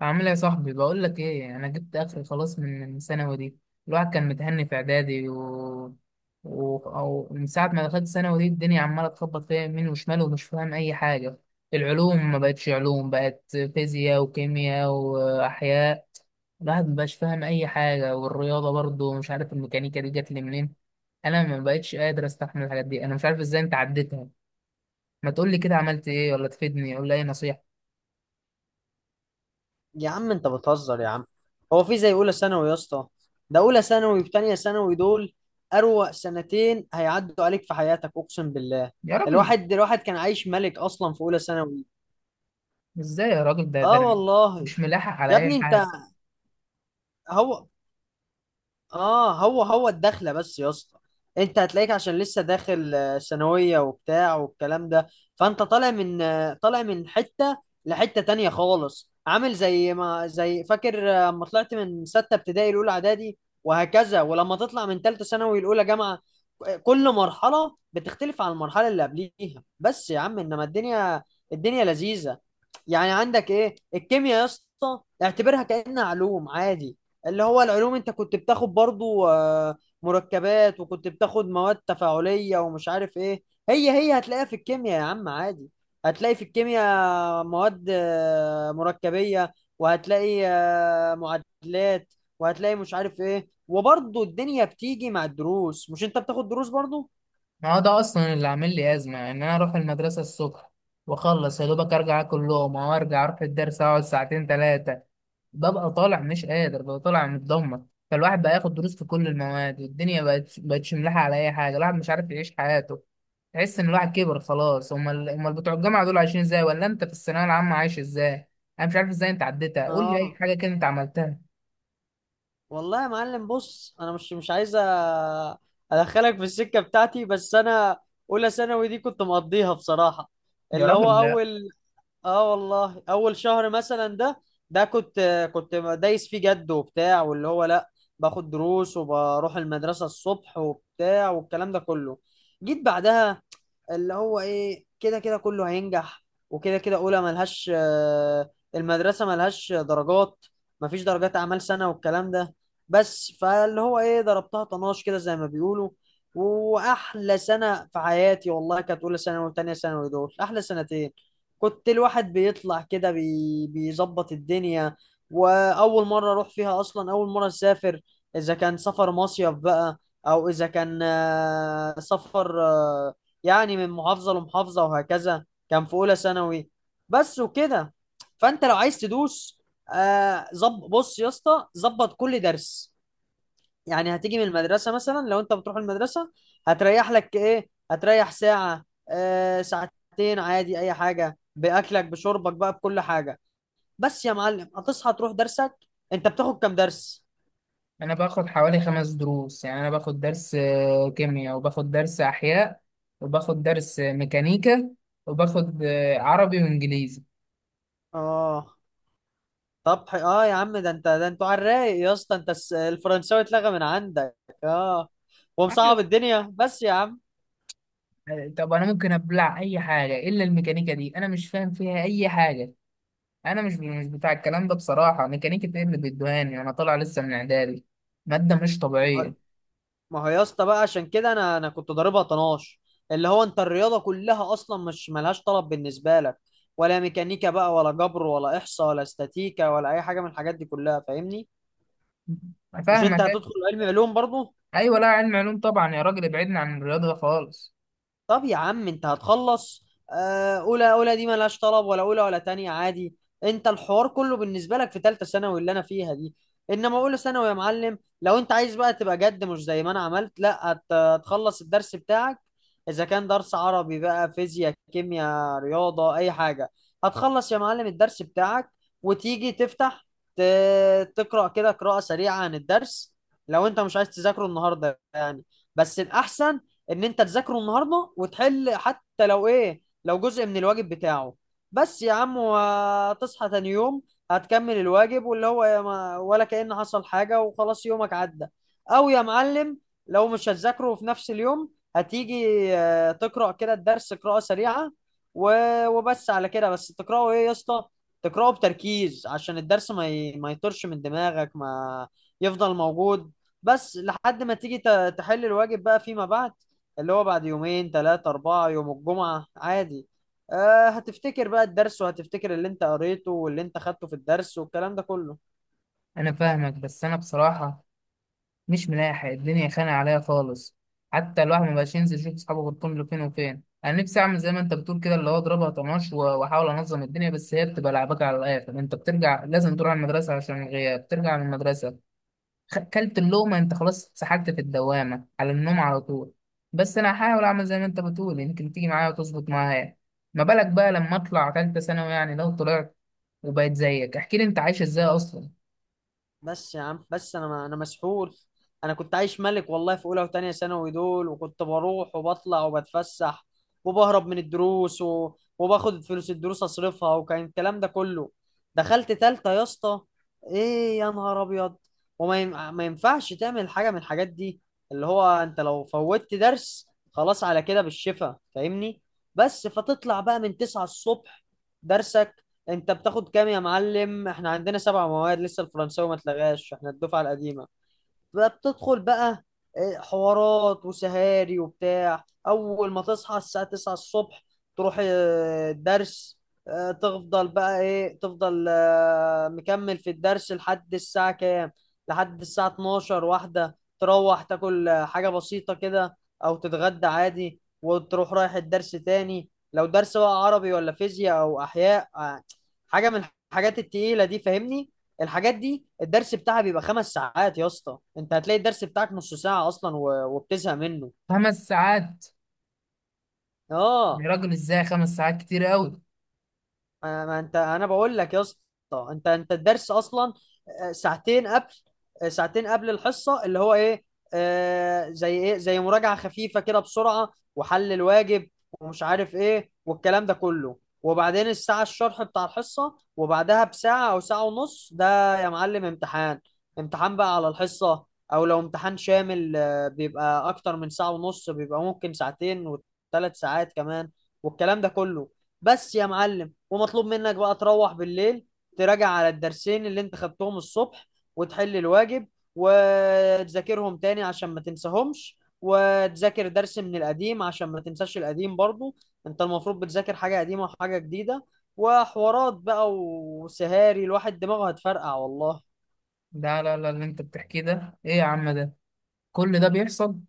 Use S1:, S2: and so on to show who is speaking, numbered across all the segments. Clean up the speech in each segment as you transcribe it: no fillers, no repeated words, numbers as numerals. S1: عامل ايه يا صاحبي؟ بقول لك ايه، انا جبت اخر خلاص من الثانوي دي. الواحد كان متهني في اعدادي و من ساعه ما دخلت ثانوي دي الدنيا عماله تخبط فيها يمين وشمال، ومش فاهم اي حاجه. العلوم ما بقتش علوم، بقت فيزياء وكيمياء واحياء. الواحد ما بقاش فاهم اي حاجه، والرياضه برضه مش عارف الميكانيكا دي جت لي منين. انا ما بقتش قادر استحمل الحاجات دي، انا مش عارف ازاي انت عديتها. ما تقول لي كده عملت ايه، ولا تفيدني ولا اي نصيحه.
S2: يا عم انت بتهزر يا عم. هو في زي اولى ثانوي يا اسطى؟ ده اولى ثانوي وتانية ثانوي دول، اروق، سنتين هيعدوا عليك في حياتك اقسم بالله.
S1: يا راجل
S2: الواحد كان عايش ملك اصلا في اولى ثانوي،
S1: ازاي يا راجل؟ ده
S2: اه
S1: أنا
S2: والله.
S1: مش ملاحق على
S2: يا
S1: اي
S2: ابني انت،
S1: حاجه.
S2: هو هو الدخله بس يا اسطى، انت هتلاقيك عشان لسه داخل ثانويه وبتاع والكلام ده. فانت طالع من طالع من حته لحته تانية خالص، عامل زي ما زي فاكر اما طلعت من سته ابتدائي الاولى اعدادي، وهكذا. ولما تطلع من ثالثه ثانوي الاولى جامعه، كل مرحله بتختلف عن المرحله اللي قبليها، بس يا عم انما الدنيا، الدنيا لذيذه. يعني عندك ايه، الكيمياء يا اسطى اعتبرها كأنها علوم عادي، اللي هو العلوم انت كنت بتاخد برضو مركبات، وكنت بتاخد مواد تفاعلية ومش عارف ايه. هي هتلاقيها في الكيمياء يا عم عادي، هتلاقي في الكيمياء مواد مركبية، وهتلاقي معادلات، وهتلاقي مش عارف ايه. وبرضو الدنيا بتيجي مع الدروس، مش انت بتاخد دروس برضو؟
S1: ما هو ده اصلا اللي عامل لي ازمه، ان انا اروح المدرسه الصبح واخلص يا دوبك، ارجع اكل لقمه، وارجع اروح الدرس اقعد ساعتين ثلاثه، ببقى طالع مش قادر، ببقى طالع متدمر. فالواحد بقى ياخد دروس في كل المواد، والدنيا بقت بقتش ملاحقه على اي حاجه، الواحد مش عارف يعيش حياته. تحس ان الواحد كبر خلاص. امال امال بتوع الجامعه دول عايشين ازاي؟ ولا انت في الثانويه العامه عايش ازاي؟ انا مش عارف ازاي انت عديتها، قول لي اي
S2: اه
S1: حاجه كده انت عملتها.
S2: والله يا معلم، بص انا مش عايز ادخلك في السكه بتاعتي، بس انا اولى ثانوي دي كنت مقضيها بصراحه،
S1: يا
S2: اللي
S1: راجل
S2: هو
S1: لا،
S2: اول، اه والله اول شهر مثلا ده، ده كنت كنت دايس فيه جد وبتاع، واللي هو لا باخد دروس وبروح المدرسه الصبح وبتاع والكلام ده كله. جيت بعدها اللي هو ايه، كده كده كله هينجح، وكده كده اولى ملهاش المدرسه ملهاش درجات، مفيش درجات اعمال سنه والكلام ده. بس فاللي هو ايه، ضربتها طناش كده زي ما بيقولوا، واحلى سنه في حياتي والله كانت اولى ثانوي وتانية ثانوي، دول احلى سنتين. كنت الواحد بيطلع كده بيظبط الدنيا، واول مره اروح فيها اصلا، اول مره اسافر، اذا كان سفر مصيف بقى او اذا كان سفر يعني من محافظة لمحافظة، وهكذا كان في أولى ثانوي بس وكده. فأنت لو عايز تدوس، آه زب بص يا اسطى، ظبط كل درس، يعني هتيجي من المدرسة مثلا، لو أنت بتروح المدرسة هتريح لك إيه، هتريح ساعة آه ساعتين عادي، أي حاجة، بأكلك بشربك بقى بكل حاجة، بس يا معلم هتصحى تروح درسك. أنت بتاخد كام درس؟
S1: انا باخد حوالي خمس دروس. يعني انا باخد درس كيمياء، وباخد درس احياء، وباخد درس ميكانيكا، وباخد عربي وانجليزي.
S2: آه طب يا عم، ده انت ده انتوا على الرايق يا اسطى، انت الفرنساوي اتلغى من عندك، اه، ومصعب
S1: أيوة.
S2: الدنيا بس يا عم.
S1: طب انا ممكن ابلع اي حاجه الا الميكانيكا دي، انا مش فاهم فيها اي حاجه. انا مش بتاع الكلام ده بصراحه. ميكانيكا ايه اللي بيدوهاني؟ انا طالع لسه من اعدادي، ماده مش
S2: ما هو
S1: طبيعيه.
S2: ما هو يا اسطى بقى عشان كده انا كنت ضاربها طناش، اللي هو انت الرياضه كلها اصلا مش ملهاش طلب بالنسبه لك، ولا ميكانيكا بقى ولا جبر ولا احصاء ولا استاتيكا ولا اي حاجه من الحاجات دي كلها، فاهمني؟
S1: أنا
S2: مش
S1: فاهمك
S2: انت
S1: أيوة.
S2: هتدخل علم علوم برضو.
S1: ايوه لا علم علوم طبعا يا راجل، ابعدنا عن الرياضه خالص.
S2: طب يا عم انت هتخلص، اولى دي ملهاش طلب، ولا اولى ولا تانية عادي، انت الحوار كله بالنسبه لك في ثالثه ثانوي اللي انا فيها دي. انما اولى ثانوي يا معلم، لو انت عايز بقى تبقى جد مش زي ما انا عملت، لا هتخلص الدرس بتاعك، اذا كان درس عربي بقى، فيزياء، كيمياء، رياضه، اي حاجه، هتخلص يا معلم الدرس بتاعك، وتيجي تفتح تقرا كده قراءه سريعه عن الدرس، لو انت مش عايز تذاكره النهارده يعني. بس الاحسن ان انت تذاكره النهارده، وتحل حتى لو ايه، لو جزء من الواجب بتاعه بس يا عم، وتصحى تاني يوم هتكمل الواجب، واللي هو يا ما، ولا كأن حصل حاجة وخلاص يومك عدى. او يا معلم لو مش هتذاكره في نفس اليوم، هتيجي تقرأ كده الدرس قراءة سريعة وبس على كده، بس تقرأه ايه يا اسطى، تقرأه بتركيز عشان الدرس ما يطرش من دماغك، ما يفضل موجود، بس لحد ما تيجي تحل الواجب بقى فيما بعد، اللي هو بعد يومين ثلاثة أربعة، يوم الجمعة عادي. آه هتفتكر بقى الدرس، وهتفتكر اللي انت قريته واللي انت خدته في الدرس والكلام ده كله.
S1: انا فاهمك، بس انا بصراحه مش ملاحق، الدنيا خانقة عليا خالص. حتى الواحد ما بقاش ينزل يشوف صحابه غير كل فين وفين. انا نفسي اعمل زي ما انت بتقول كده، اللي هو اضربها طناش واحاول انظم الدنيا، بس هي بتبقى لعبك على الاخر، انت بترجع لازم تروح المدرسه عشان الغياب، ترجع من المدرسه، كلت اللقمه انت خلاص اتسحلت في الدوامه، على النوم على طول. بس انا هحاول اعمل زي ما انت بتقول، يمكن تيجي معايا وتظبط معايا. ما بالك بقى لما اطلع تالتة ثانوي، يعني لو طلعت وبقيت زيك، احكي لي انت عايش ازاي اصلا.
S2: بس يا عم، بس انا مسحول. انا كنت عايش ملك والله في اولى وتانية ثانوي دول، وكنت بروح وبطلع وبتفسح وبهرب من الدروس وباخد فلوس الدروس اصرفها، وكان الكلام ده كله. دخلت تالتة يا اسطى، ايه يا نهار ابيض، ما ينفعش تعمل حاجة من الحاجات دي، اللي هو انت لو فوتت درس خلاص على كده بالشفا، فاهمني؟ بس فتطلع بقى من 9 الصبح درسك. انت بتاخد كام يا معلم؟ احنا عندنا سبع مواد لسه، الفرنساوي ما اتلغاش، احنا الدفعه القديمه. بقى بتدخل بقى حوارات وسهاري وبتاع، اول ما تصحى الساعة 9 الصبح تروح الدرس، تفضل بقى ايه، تفضل مكمل في الدرس لحد الساعة كام، لحد الساعة 12 واحدة، تروح تاكل حاجة بسيطة كده او تتغدى عادي، وتروح رايح الدرس تاني، لو درس بقى عربي ولا فيزياء او احياء حاجة من الحاجات التقيلة دي، فاهمني؟ الحاجات دي الدرس بتاعها بيبقى خمس ساعات يا اسطى، انت هتلاقي الدرس بتاعك نص ساعة اصلا وبتزهق منه.
S1: خمس ساعات؟
S2: اه
S1: يا راجل ازاي خمس ساعات؟ كتير قوي.
S2: ما انت انا بقول لك يا اسطى، انت الدرس اصلا ساعتين قبل ساعتين قبل الحصه، اللي هو ايه زي ايه، زي مراجعه خفيفه كده بسرعه، وحل الواجب ومش عارف ايه والكلام ده كله، وبعدين الساعه الشرح بتاع الحصه، وبعدها بساعه او ساعه ونص ده يا معلم امتحان، امتحان بقى على الحصه. او لو امتحان شامل بيبقى اكتر من ساعه ونص، بيبقى ممكن ساعتين وثلاث ساعات كمان والكلام ده كله. بس يا معلم ومطلوب منك بقى تروح بالليل، تراجع على الدرسين اللي انت خدتهم الصبح، وتحل الواجب، وتذاكرهم تاني عشان ما تنساهمش، وتذاكر درس من القديم عشان ما تنساش القديم برضو. انت المفروض بتذاكر حاجة قديمة وحاجة جديدة، وحوارات بقى وسهاري، الواحد دماغه هتفرقع والله.
S1: لا لا لا، اللي انت بتحكيه ده ايه يا عم ده؟ كل ده بيحصل؟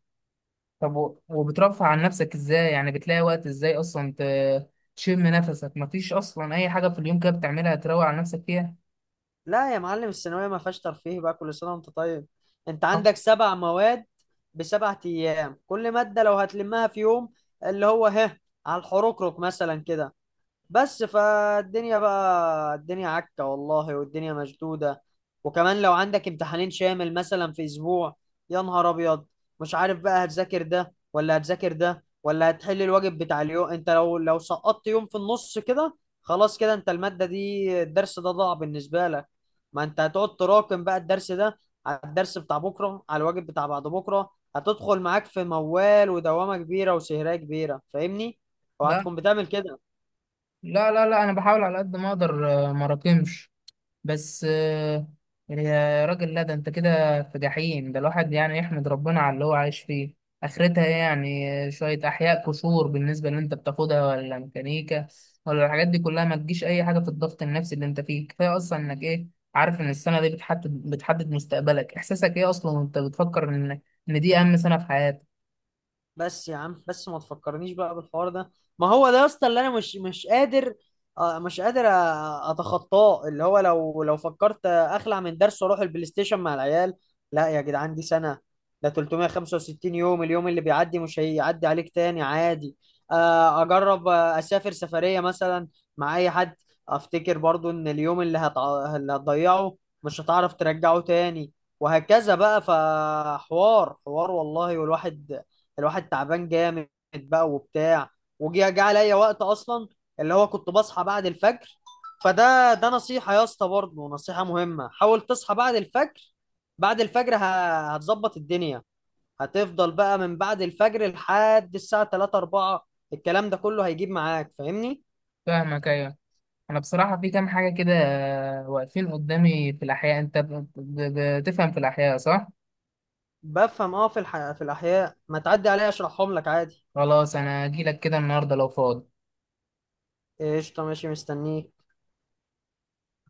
S1: طب وبترفع عن نفسك ازاي؟ يعني بتلاقي وقت ازاي اصلا تشم نفسك؟ مفيش اصلا اي حاجة في اليوم كده بتعملها تروق على نفسك فيها؟
S2: لا يا معلم الثانوية ما فيهاش ترفيه بقى، كل سنة وانت طيب. انت
S1: أه.
S2: عندك سبع مواد بسبع ايام، كل مادة لو هتلمها في يوم، اللي هو ها، على الحروكروك مثلا كده. بس فالدنيا بقى، الدنيا عكة والله والدنيا مشدودة، وكمان لو عندك امتحانين شامل مثلا في أسبوع، يا نهار أبيض، مش عارف بقى هتذاكر ده ولا هتذاكر ده ولا هتحل الواجب بتاع اليوم. أنت لو سقطت يوم في النص كده، خلاص كده أنت المادة دي الدرس ده ضاع بالنسبة لك، ما أنت هتقعد تراكم بقى الدرس ده على الدرس بتاع بكرة، على الواجب بتاع بعد بكرة، هتدخل معاك في موال ودوامة كبيرة وسهرية كبيرة، فاهمني؟
S1: لا
S2: وهتكون بتعمل كده.
S1: لا لا لا، انا بحاول على قد ما اقدر ما راكمش، بس يا راجل لا، ده انت كده في جحيم. ده الواحد يعني يحمد ربنا على اللي هو عايش فيه. اخرتها إيه يعني؟ شوية احياء قشور بالنسبة اللي انت بتاخدها، ولا ميكانيكا، ولا الحاجات دي كلها ما تجيش اي حاجة في الضغط النفسي اللي انت فيه. كفاية اصلا انك ايه، عارف ان السنة دي بتحدد مستقبلك، احساسك ايه اصلا وانت بتفكر ان دي اهم سنة في حياتك.
S2: بس يا عم، بس ما تفكرنيش بقى بالحوار ده، ما هو ده يا اسطى اللي انا مش قادر مش قادر اتخطاه، اللي هو لو فكرت اخلع من درس واروح البلاي ستيشن مع العيال، لا يا جدعان، دي سنه، ده 365 يوم، اليوم اللي بيعدي مش هيعدي عليك تاني عادي. اجرب اسافر سفريه مثلا مع اي حد، افتكر برضو ان اليوم اللي هتضيعه مش هتعرف ترجعه تاني، وهكذا بقى، فحوار حوار والله، والواحد، الواحد تعبان جامد بقى وبتاع. جه عليا وقت اصلا اللي هو كنت بصحى بعد الفجر، فده ده نصيحة يا اسطى، برضه نصيحة مهمة، حاول تصحى بعد الفجر، بعد الفجر هتظبط الدنيا، هتفضل بقى من بعد الفجر لحد الساعة 3 4 الكلام ده كله، هيجيب معاك، فاهمني؟
S1: فاهمك ايوه. انا بصراحة في كام حاجة كده واقفين قدامي في الاحياء، انت بتفهم في الاحياء صح؟
S2: بفهم اه، في الأحياء ما تعدي عليا اشرحهم لك عادي.
S1: خلاص انا هجيلك كده النهارده لو فاضي.
S2: قشطة ماشي مستنيك.